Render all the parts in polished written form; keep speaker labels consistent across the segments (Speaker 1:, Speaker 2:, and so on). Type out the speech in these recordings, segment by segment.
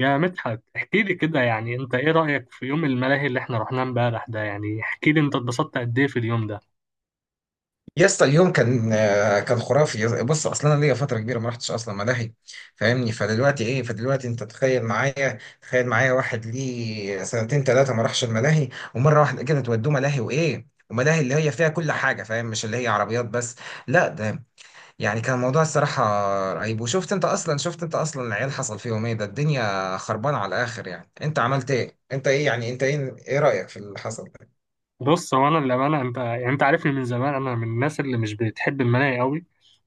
Speaker 1: يا مدحت، احكي لي كده. يعني انت ايه رأيك في يوم الملاهي اللي احنا رحناه امبارح ده؟ يعني احكي لي، انت اتبسطت قد ايه في اليوم ده؟
Speaker 2: يا اسطى اليوم كان كان خرافي بص اصلا انا ليا فتره كبيره ما رحتش اصلا ملاهي. فاهمني؟ فدلوقتي ايه، فدلوقتي انت تخيل معايا، تخيل معايا واحد ليه سنتين ثلاثه ما راحش الملاهي ومره واحده كده تودوه ملاهي وايه وملاهي اللي هي فيها كل حاجه. فاهم؟ مش اللي هي عربيات بس، لا ده يعني كان الموضوع الصراحه رهيب. وشفت انت اصلا، شفت انت اصلا العيال حصل فيهم ايه؟ ده الدنيا خربانه على الاخر. يعني انت عملت ايه؟ انت ايه يعني؟ انت ايه، ايه رايك في اللي حصل؟
Speaker 1: بص، هو انا للأمانة، انت يعني انت عارفني من زمان، انا من الناس اللي مش بتحب الملاهي قوي.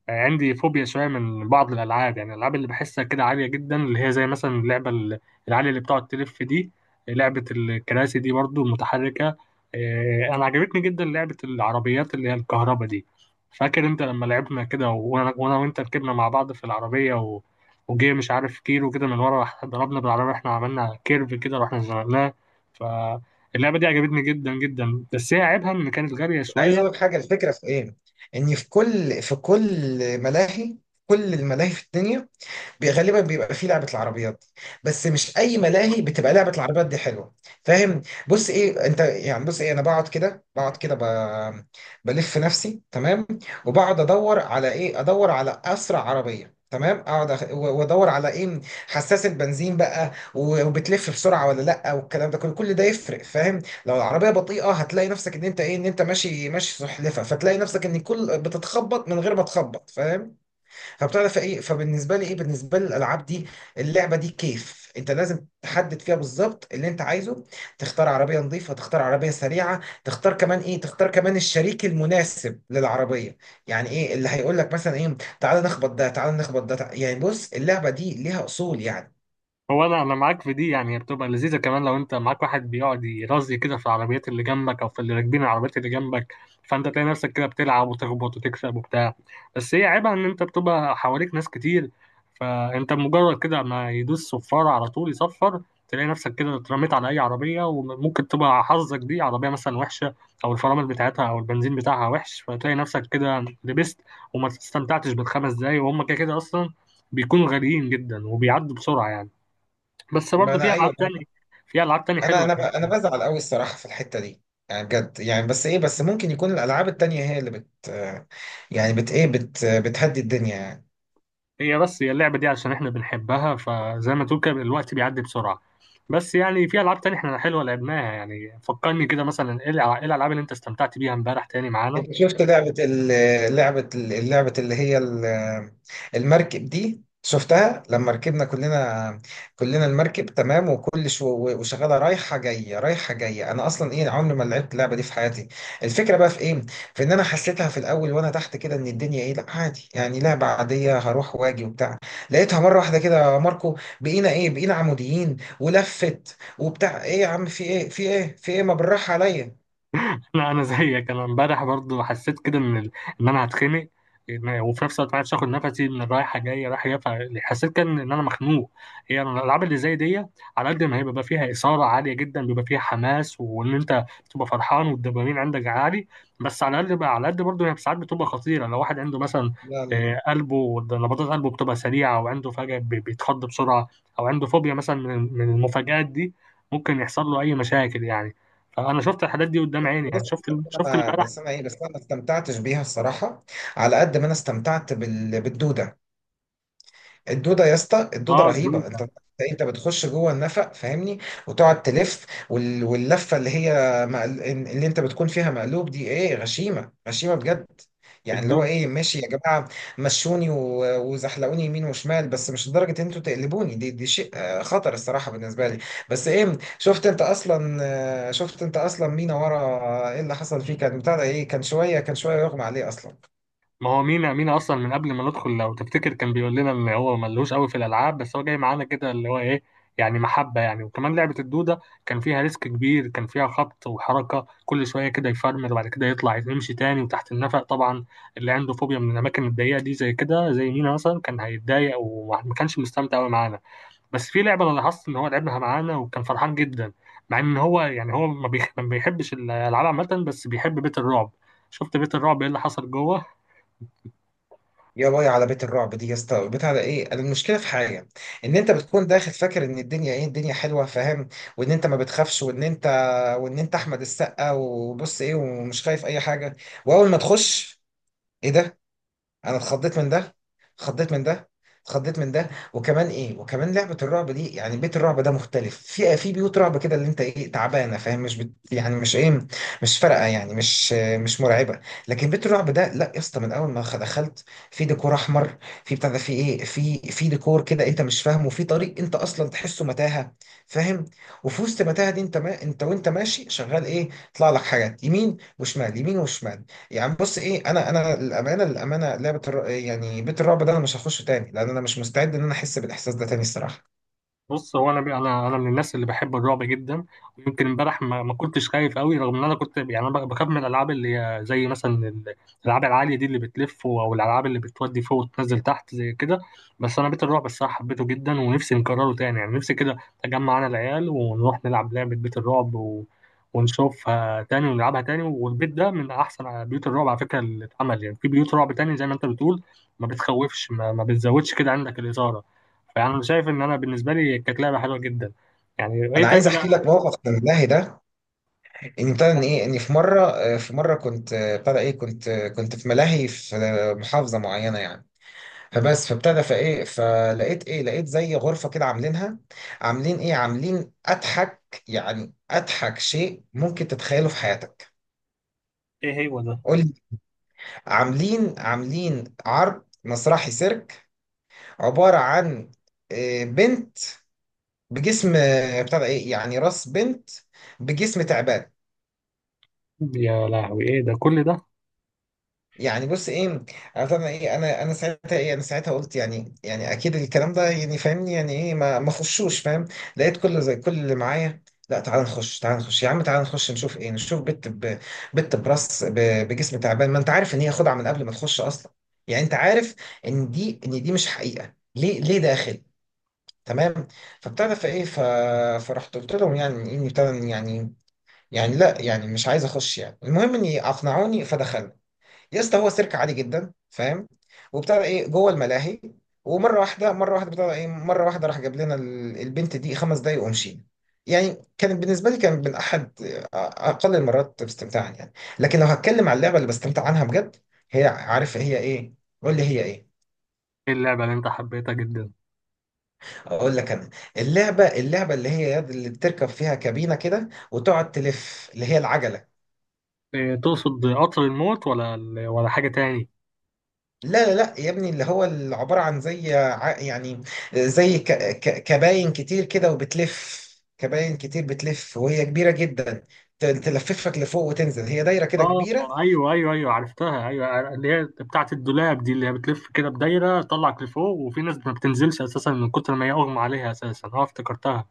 Speaker 1: عندي فوبيا شويه من بعض الالعاب، يعني الالعاب اللي بحسها كده عاليه جدا، اللي هي زي مثلا اللعبه العاليه اللي بتقعد تلف دي. لعبه الكراسي دي برضو متحركه. إيه، انا عجبتني جدا لعبه العربيات اللي هي الكهرباء دي. فاكر انت لما لعبنا كده وانا وانت ركبنا مع بعض في العربيه، وجه مش عارف كيلو كده من ورا، راح ضربنا بالعربيه، احنا عملنا كيرف كده رحنا زنقناه. فاللعبه دي عجبتني جدا جدا، بس هي عيبها ان كانت غاليه
Speaker 2: عايز اقول لك
Speaker 1: شويه.
Speaker 2: حاجه، الفكره في ايه؟ ان في كل ملاهي، كل الملاهي في الدنيا غالبا بيبقى فيه لعبة العربيات دي. بس مش أي ملاهي بتبقى لعبة العربيات دي حلوة. فاهم؟ بص إيه أنت يعني، بص إيه أنا بقعد كده بلف نفسي، تمام؟ وبقعد أدور على إيه، أدور على أسرع عربية، تمام؟ اقعد وادور على ايه، حساس البنزين بقى، وبتلف بسرعه ولا لا، والكلام ده كله، كل ده يفرق. فاهم؟ لو العربيه بطيئه هتلاقي نفسك ان انت ايه، ان انت ماشي ماشي سحلفه، فتلاقي نفسك ان كل بتتخبط من غير ما تخبط. فاهم؟ فبتعرف ايه، فبالنسبه لي ايه، بالنسبه لي الالعاب دي، اللعبه دي كيف انت لازم تحدد فيها بالظبط اللي انت عايزه. تختار عربيه نظيفه، تختار عربيه سريعه، تختار كمان ايه، تختار كمان الشريك المناسب للعربيه. يعني ايه اللي هيقول لك مثلا ايه، تعالى نخبط ده، تعالى نخبط ده، يعني بص اللعبه دي ليها اصول يعني.
Speaker 1: هو انا معاك في دي، يعني هي بتبقى لذيذه كمان لو انت معاك واحد بيقعد يرازي كده في العربيات اللي جنبك، او في اللي راكبين العربيات اللي جنبك. فانت تلاقي نفسك كده بتلعب وتخبط وتكسب وبتاع. بس هي عيبها ان انت بتبقى حواليك ناس كتير. فانت مجرد كده ما يدوس صفار على طول يصفر، تلاقي نفسك كده اترميت على اي عربيه، وممكن تبقى حظك دي عربيه مثلا وحشه، او الفرامل بتاعتها او البنزين بتاعها وحش، فتلاقي نفسك كده لبست، وما استمتعتش بالخمس دقايق، وهم كده كده اصلا بيكونوا غاليين جدا وبيعدوا بسرعه يعني. بس
Speaker 2: ما
Speaker 1: برضه
Speaker 2: انا
Speaker 1: في العاب
Speaker 2: ايوه.
Speaker 1: تانية. في العاب تانية
Speaker 2: انا
Speaker 1: حلوه،
Speaker 2: انا ب-
Speaker 1: يعني
Speaker 2: انا بزعل قوي الصراحه في الحته دي. يعني بجد يعني، بس ايه، بس ممكن يكون الالعاب التانية هي اللي بت، يعني بت ايه، بت بتهدي الدنيا يعني.
Speaker 1: هي بس هي اللعبه دي عشان احنا بنحبها، فزي ما تقول كده الوقت بيعدي بسرعه. بس يعني في العاب تانية احنا حلوه لعبناها. يعني فكرني كده مثلا، إيه الالعاب اللي انت استمتعت بيها امبارح تاني معانا؟
Speaker 2: انت شفت اللعبة اللي هي المركب دي؟ شفتها لما ركبنا كلنا، كلنا المركب، تمام؟ وكل شو، وشغالة رايحة جاية رايحة جاية. انا اصلا ايه، عمري ما لعبت اللعبة دي في حياتي. الفكرة بقى في ايه؟ في ان انا حسيتها في الاول وانا تحت كده ان الدنيا ايه، لا عادي يعني، لعبة عادية هروح واجي وبتاع. لقيتها مرة واحدة كده يا ماركو بقينا ايه، بقينا عموديين ولفت وبتاع ايه، يا عم في ايه في ايه في ايه، ما بالراحة عليا.
Speaker 1: لا، انا زيك، انا امبارح برضو حسيت كده ان انا هتخنق. وفي نفس الوقت ما عرفتش اخد نفسي من الرايحه جايه رايحه جايه، فحسيت كان ان انا مخنوق. هي يعني الالعاب اللي زي دي، على قد ما هي بيبقى فيها اثاره عاليه جدا، بيبقى فيها حماس، وان انت بتبقى فرحان والدوبامين عندك عالي، بس على قد برضه هي ساعات بتبقى خطيره، لو واحد عنده مثلا قلبه نبضات قلبه بتبقى سريعه، او عنده فجاه بيتخض بسرعه، او عنده فوبيا مثلا من المفاجآت دي، ممكن يحصل له اي مشاكل يعني. انا شفت الحاجات دي قدام عيني، يعني
Speaker 2: بص،
Speaker 1: شفت،
Speaker 2: بس
Speaker 1: شفت
Speaker 2: انا،
Speaker 1: امبارح.
Speaker 2: بس انا ايه بس انا ما استمتعتش بيها الصراحه. على قد ما انا استمتعت بالدوده. الدوده يا اسطى، الدوده
Speaker 1: اه،
Speaker 2: رهيبه.
Speaker 1: الدودة.
Speaker 2: انت انت بتخش جوه النفق، فاهمني؟ وتقعد تلف واللفه اللي هي اللي انت بتكون فيها مقلوب دي، ايه غشيمه، غشيمه بجد. يعني اللي هو
Speaker 1: الدودة.
Speaker 2: ايه، ماشي يا جماعه مشوني و... وزحلقوني يمين وشمال، بس مش لدرجه ان انتوا تقلبوني دي شيء خطر الصراحه بالنسبه لي. بس ايه، شفت انت اصلا، شفت انت اصلا مين ورا؟ ايه اللي حصل فيه؟ كان بتاع ده ايه، كان شويه، كان شويه يغمى عليه اصلا.
Speaker 1: ما هو مينا اصلا من قبل ما ندخل، لو تفتكر كان بيقول لنا ان هو ملهوش قوي في الالعاب، بس هو جاي معانا كده اللي هو ايه، يعني محبة يعني. وكمان لعبة الدودة، كان فيها ريسك كبير، كان فيها خبط وحركة، كل شوية كده يفرمل وبعد كده يطلع يمشي تاني، وتحت النفق طبعا. اللي عنده فوبيا من الأماكن الضيقة دي زي كده، زي مينا مثلا، كان هيتضايق وما كانش مستمتع قوي معانا. بس في لعبه انا لاحظت ان هو لعبها معانا وكان فرحان جدا، مع ان هو يعني هو ما بيحبش الالعاب عامه، بس بيحب بيت الرعب. شفت بيت الرعب ايه اللي حصل جوه؟
Speaker 2: يا باي على بيت الرعب دي يا اسطى. بيت على ايه المشكله في حاجه، ان انت بتكون داخل فاكر ان الدنيا ايه، الدنيا حلوه، فاهم؟ وان انت ما بتخافش، وان انت، وان انت احمد السقا وبص ايه ومش خايف اي حاجه. واول ما تخش، ايه ده؟ انا اتخضيت من ده، اتخضيت من ده، اتخضيت من ده. وكمان ايه، وكمان لعبه الرعب دي، يعني بيت الرعب ده مختلف في بيوت رعب كده اللي انت ايه تعبانه، فاهم؟ مش بت، يعني مش ايه، مش فارقه يعني، مش مرعبه. لكن بيت الرعب ده لا يا اسطى، من اول ما دخلت، في ديكور احمر، في بتاع ده، في ايه، في ديكور كده انت مش فاهمه، في طريق انت اصلا تحسه متاهه، فاهم؟ وفي وسط المتاهه دي، انت ما انت وانت ماشي شغال ايه، يطلع لك حاجات يمين وشمال، يمين وشمال. يعني بص ايه، انا الامانه، الامانه لعبه يعني بيت الرعب ده، انا مش هخشه تاني، لان انا مش مستعد ان انا احس بالاحساس ده تاني الصراحه.
Speaker 1: بص، هو انا من الناس اللي بحب الرعب جدا، ويمكن امبارح ما كنتش خايف قوي، رغم ان انا كنت، يعني انا بخاف من الالعاب اللي هي زي مثلا الالعاب العاليه دي اللي بتلف، او الالعاب اللي بتودي فوق وتنزل تحت زي كده. بس انا بيت الرعب الصراحه حبيته جدا، ونفسي نكرره تاني، يعني نفسي كده اجمع انا العيال ونروح نلعب لعبه بيت الرعب ونشوفها تاني ونلعبها تاني. والبيت ده من احسن بيوت الرعب على فكره اللي اتعمل، يعني في بيوت رعب تاني زي ما انت بتقول ما بتخوفش، ما بتزودش كده عندك الاثاره. فانا شايف ان انا بالنسبه لي كانت لعبه حلوه جدا. يعني
Speaker 2: انا
Speaker 1: ايه تاني
Speaker 2: عايز
Speaker 1: بقى؟
Speaker 2: احكي لك موقف من الملاهي ده. ان ابتدى ان ايه، ان في مره في مره كنت ابتدى ايه، كنت كنت في ملاهي في محافظه معينه يعني. فبس فابتدى فايه، فلقيت ايه، لقيت زي غرفه كده عاملينها، عاملين ايه، عاملين اضحك يعني، اضحك شيء ممكن تتخيله في حياتك.
Speaker 1: ايه هو ده؟
Speaker 2: قول لي. عاملين عرض مسرحي سيرك، عبارة عن بنت بجسم بتاع ده ايه، يعني راس بنت بجسم تعبان.
Speaker 1: يا لهوي، ايه ده كل ده؟
Speaker 2: يعني بص ايه، انا طبعا ايه، انا ساعتها ايه، انا ساعتها قلت يعني، يعني اكيد الكلام ده يعني فاهمني، يعني ايه، ما خشوش، فاهم؟ لقيت كل زي كل اللي معايا: لا تعال نخش، تعال نخش يا عم، تعال نخش نشوف ايه، نشوف بنت بنت براس بجسم تعبان. ما انت عارف ان هي خدعة من قبل ما تخش اصلا، يعني انت عارف ان دي مش حقيقة، ليه، ليه داخل؟ تمام. فابتدى فايه فرحت قلت لهم يعني اني ابتدى يعني، يعني لا يعني مش عايز اخش يعني، المهم اني اقنعوني فدخلنا. يا اسطى هو سيرك عادي جدا، فاهم؟ وابتدى ايه جوه الملاهي، ومره واحده، مره واحده ابتدى ايه، مره واحده راح جاب لنا البنت دي خمس دقايق ومشينا. يعني كانت بالنسبه لي، كان من احد اقل المرات استمتاعا يعني. لكن لو هتكلم على اللعبه اللي بستمتع عنها بجد، هي عارف هي ايه؟ قول لي هي ايه.
Speaker 1: ايه اللعبه اللي انت حبيتها جدا؟
Speaker 2: اقول لك انا، اللعبه اللي هي يد، اللي بتركب فيها كابينه كده وتقعد تلف، اللي هي العجله.
Speaker 1: إيه، تقصد قطر الموت ولا ولا حاجه تاني؟
Speaker 2: لا يا ابني، اللي هو اللي عباره عن زي يعني زي كباين كتير كده وبتلف. كباين كتير بتلف وهي كبيره جدا، تلففك لفوق وتنزل، هي دايره كده
Speaker 1: اه،
Speaker 2: كبيره.
Speaker 1: ايوه ايوه ايوه، عرفتها، ايوه اللي هي بتاعه الدولاب دي، اللي هي بتلف كده بدايره، تطلعك لفوق، وفي ناس ما بتنزلش اساسا من كتر ما هي اغمى عليها اساسا. اه، افتكرتها.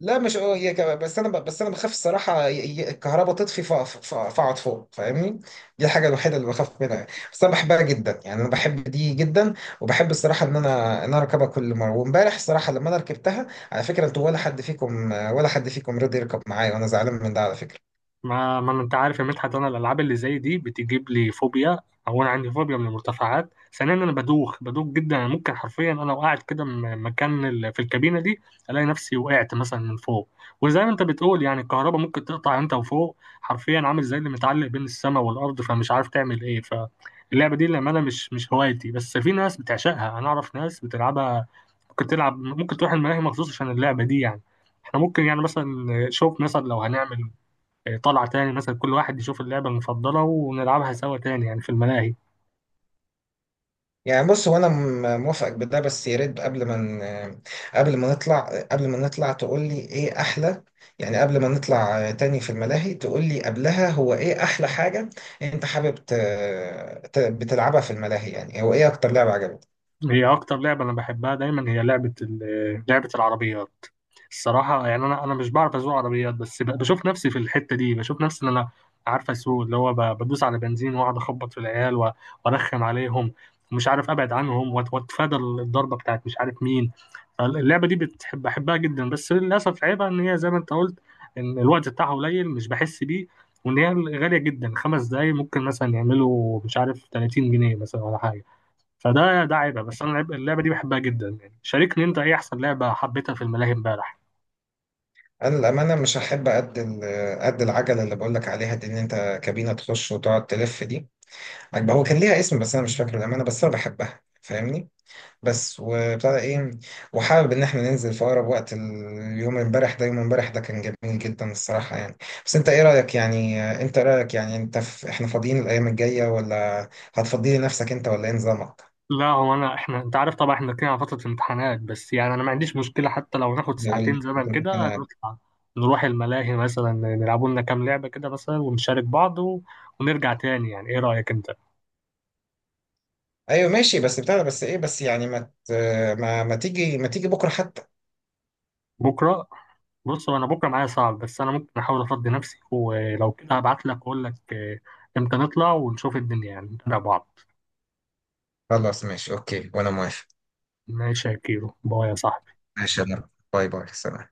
Speaker 2: لا مش اه، هي كمان بس انا بس انا بخاف الصراحه الكهرباء تطفي فاقعد فوق، فاهمني؟ دي الحاجه الوحيده اللي بخاف منها يعني. بس انا بحبها جدا يعني، انا بحب دي جدا. وبحب الصراحه ان انا، ان انا اركبها كل مره. وامبارح الصراحه لما انا ركبتها، على فكره انتوا، ولا حد فيكم، ولا حد فيكم رضي يركب معايا، وانا زعلان من ده على فكره.
Speaker 1: ما انت عارف يا مدحت، انا الالعاب اللي زي دي بتجيب لي فوبيا، او انا عندي فوبيا من المرتفعات. ثانيا انا بدوخ بدوخ جدا، أنا ممكن حرفيا انا وقعت كده من مكان في الكابينه دي، الاقي نفسي وقعت مثلا من فوق. وزي ما انت بتقول، يعني الكهرباء ممكن تقطع، انت وفوق حرفيا عامل زي اللي متعلق بين السماء والارض، فمش عارف تعمل ايه. فاللعبه دي لما انا مش هوايتي، بس في ناس بتعشقها، انا اعرف ناس بتلعبها، ممكن تلعب، ممكن تروح الملاهي مخصوص عشان اللعبه دي يعني. احنا ممكن يعني مثلا، شوف مثلا لو هنعمل طلع تاني مثلا، كل واحد يشوف اللعبة المفضلة ونلعبها سوا تاني يعني في الملاهي.
Speaker 2: يعني بص هو انا موافقك بده، بس يا ريت قبل ما قبل ما نطلع، تقول لي ايه احلى. يعني قبل ما نطلع تاني في الملاهي تقول لي قبلها هو ايه احلى حاجة انت حابب بتلعبها في الملاهي. يعني هو ايه اكتر لعبة عجبتك؟
Speaker 1: هي اكتر لعبه انا بحبها دايما، هي لعبه ال- آه، لعبه العربيات. الصراحه يعني انا مش بعرف اسوق عربيات، بس بشوف نفسي في الحته دي، بشوف نفسي ان انا عارف اسوق، اللي هو بدوس على بنزين واقعد اخبط في العيال وارخم عليهم، ومش عارف ابعد عنهم، واتفادى الضربه بتاعت مش عارف مين. اللعبه دي بحبها جدا، بس للاسف عيبها ان هي زي ما انت قلت، ان الوقت بتاعها قليل، مش بحس بيه، وان هي غاليه جدا. 5 دقايق ممكن مثلا يعملوا مش عارف 30 جنيه مثلا ولا حاجه. فده عيبها. بس انا اللعبه دي بحبها جدا. يعني شاركني، انت ايه احسن لعبه حبيتها في الملاهي امبارح؟
Speaker 2: انا الامانة مش هحب قد قد العجلة اللي بقول لك عليها دي، ان انت كابينة تخش وتقعد تلف دي، عجبها. هو كان ليها اسم بس انا مش فاكر الامانة، بس انا بحبها، فاهمني؟ بس وابتدى ايه، وحابب ان احنا ننزل في اقرب وقت. اليوم امبارح ده، يوم امبارح ده كان جميل جدا الصراحه يعني. بس انت ايه رايك يعني، انت إيه رايك يعني، انت في، احنا فاضيين الايام الجايه ولا هتفضي لنفسك انت، ولا ايه نظامك؟
Speaker 1: لا، هو انا احنا، انت عارف طبعا احنا داخلين على فتره الامتحانات، بس يعني انا ما عنديش مشكله حتى لو ناخد
Speaker 2: يقول لي
Speaker 1: ساعتين زمن
Speaker 2: بتروح
Speaker 1: كده
Speaker 2: هنا.
Speaker 1: نطلع، نروح الملاهي مثلا، نلعبوا لنا كام لعبه كده مثلا، ونشارك بعض ونرجع تاني. يعني ايه رايك انت؟
Speaker 2: ايوه ماشي، بس بتاع ده، بس ايه بس يعني ما ما تيجي، ما تيجي بكره حتى.
Speaker 1: بكره؟ بص، هو انا بكره معايا صعب، بس انا ممكن احاول افضي نفسي، ولو كده هبعت لك اقول لك امتى نطلع ونشوف الدنيا، يعني نتابع بعض.
Speaker 2: خلاص ماشي اوكي، وانا موافق.
Speaker 1: ماشي يا كيرو، باي يا صاحبي.
Speaker 2: ماشي يا مروة. باي باي، سلام.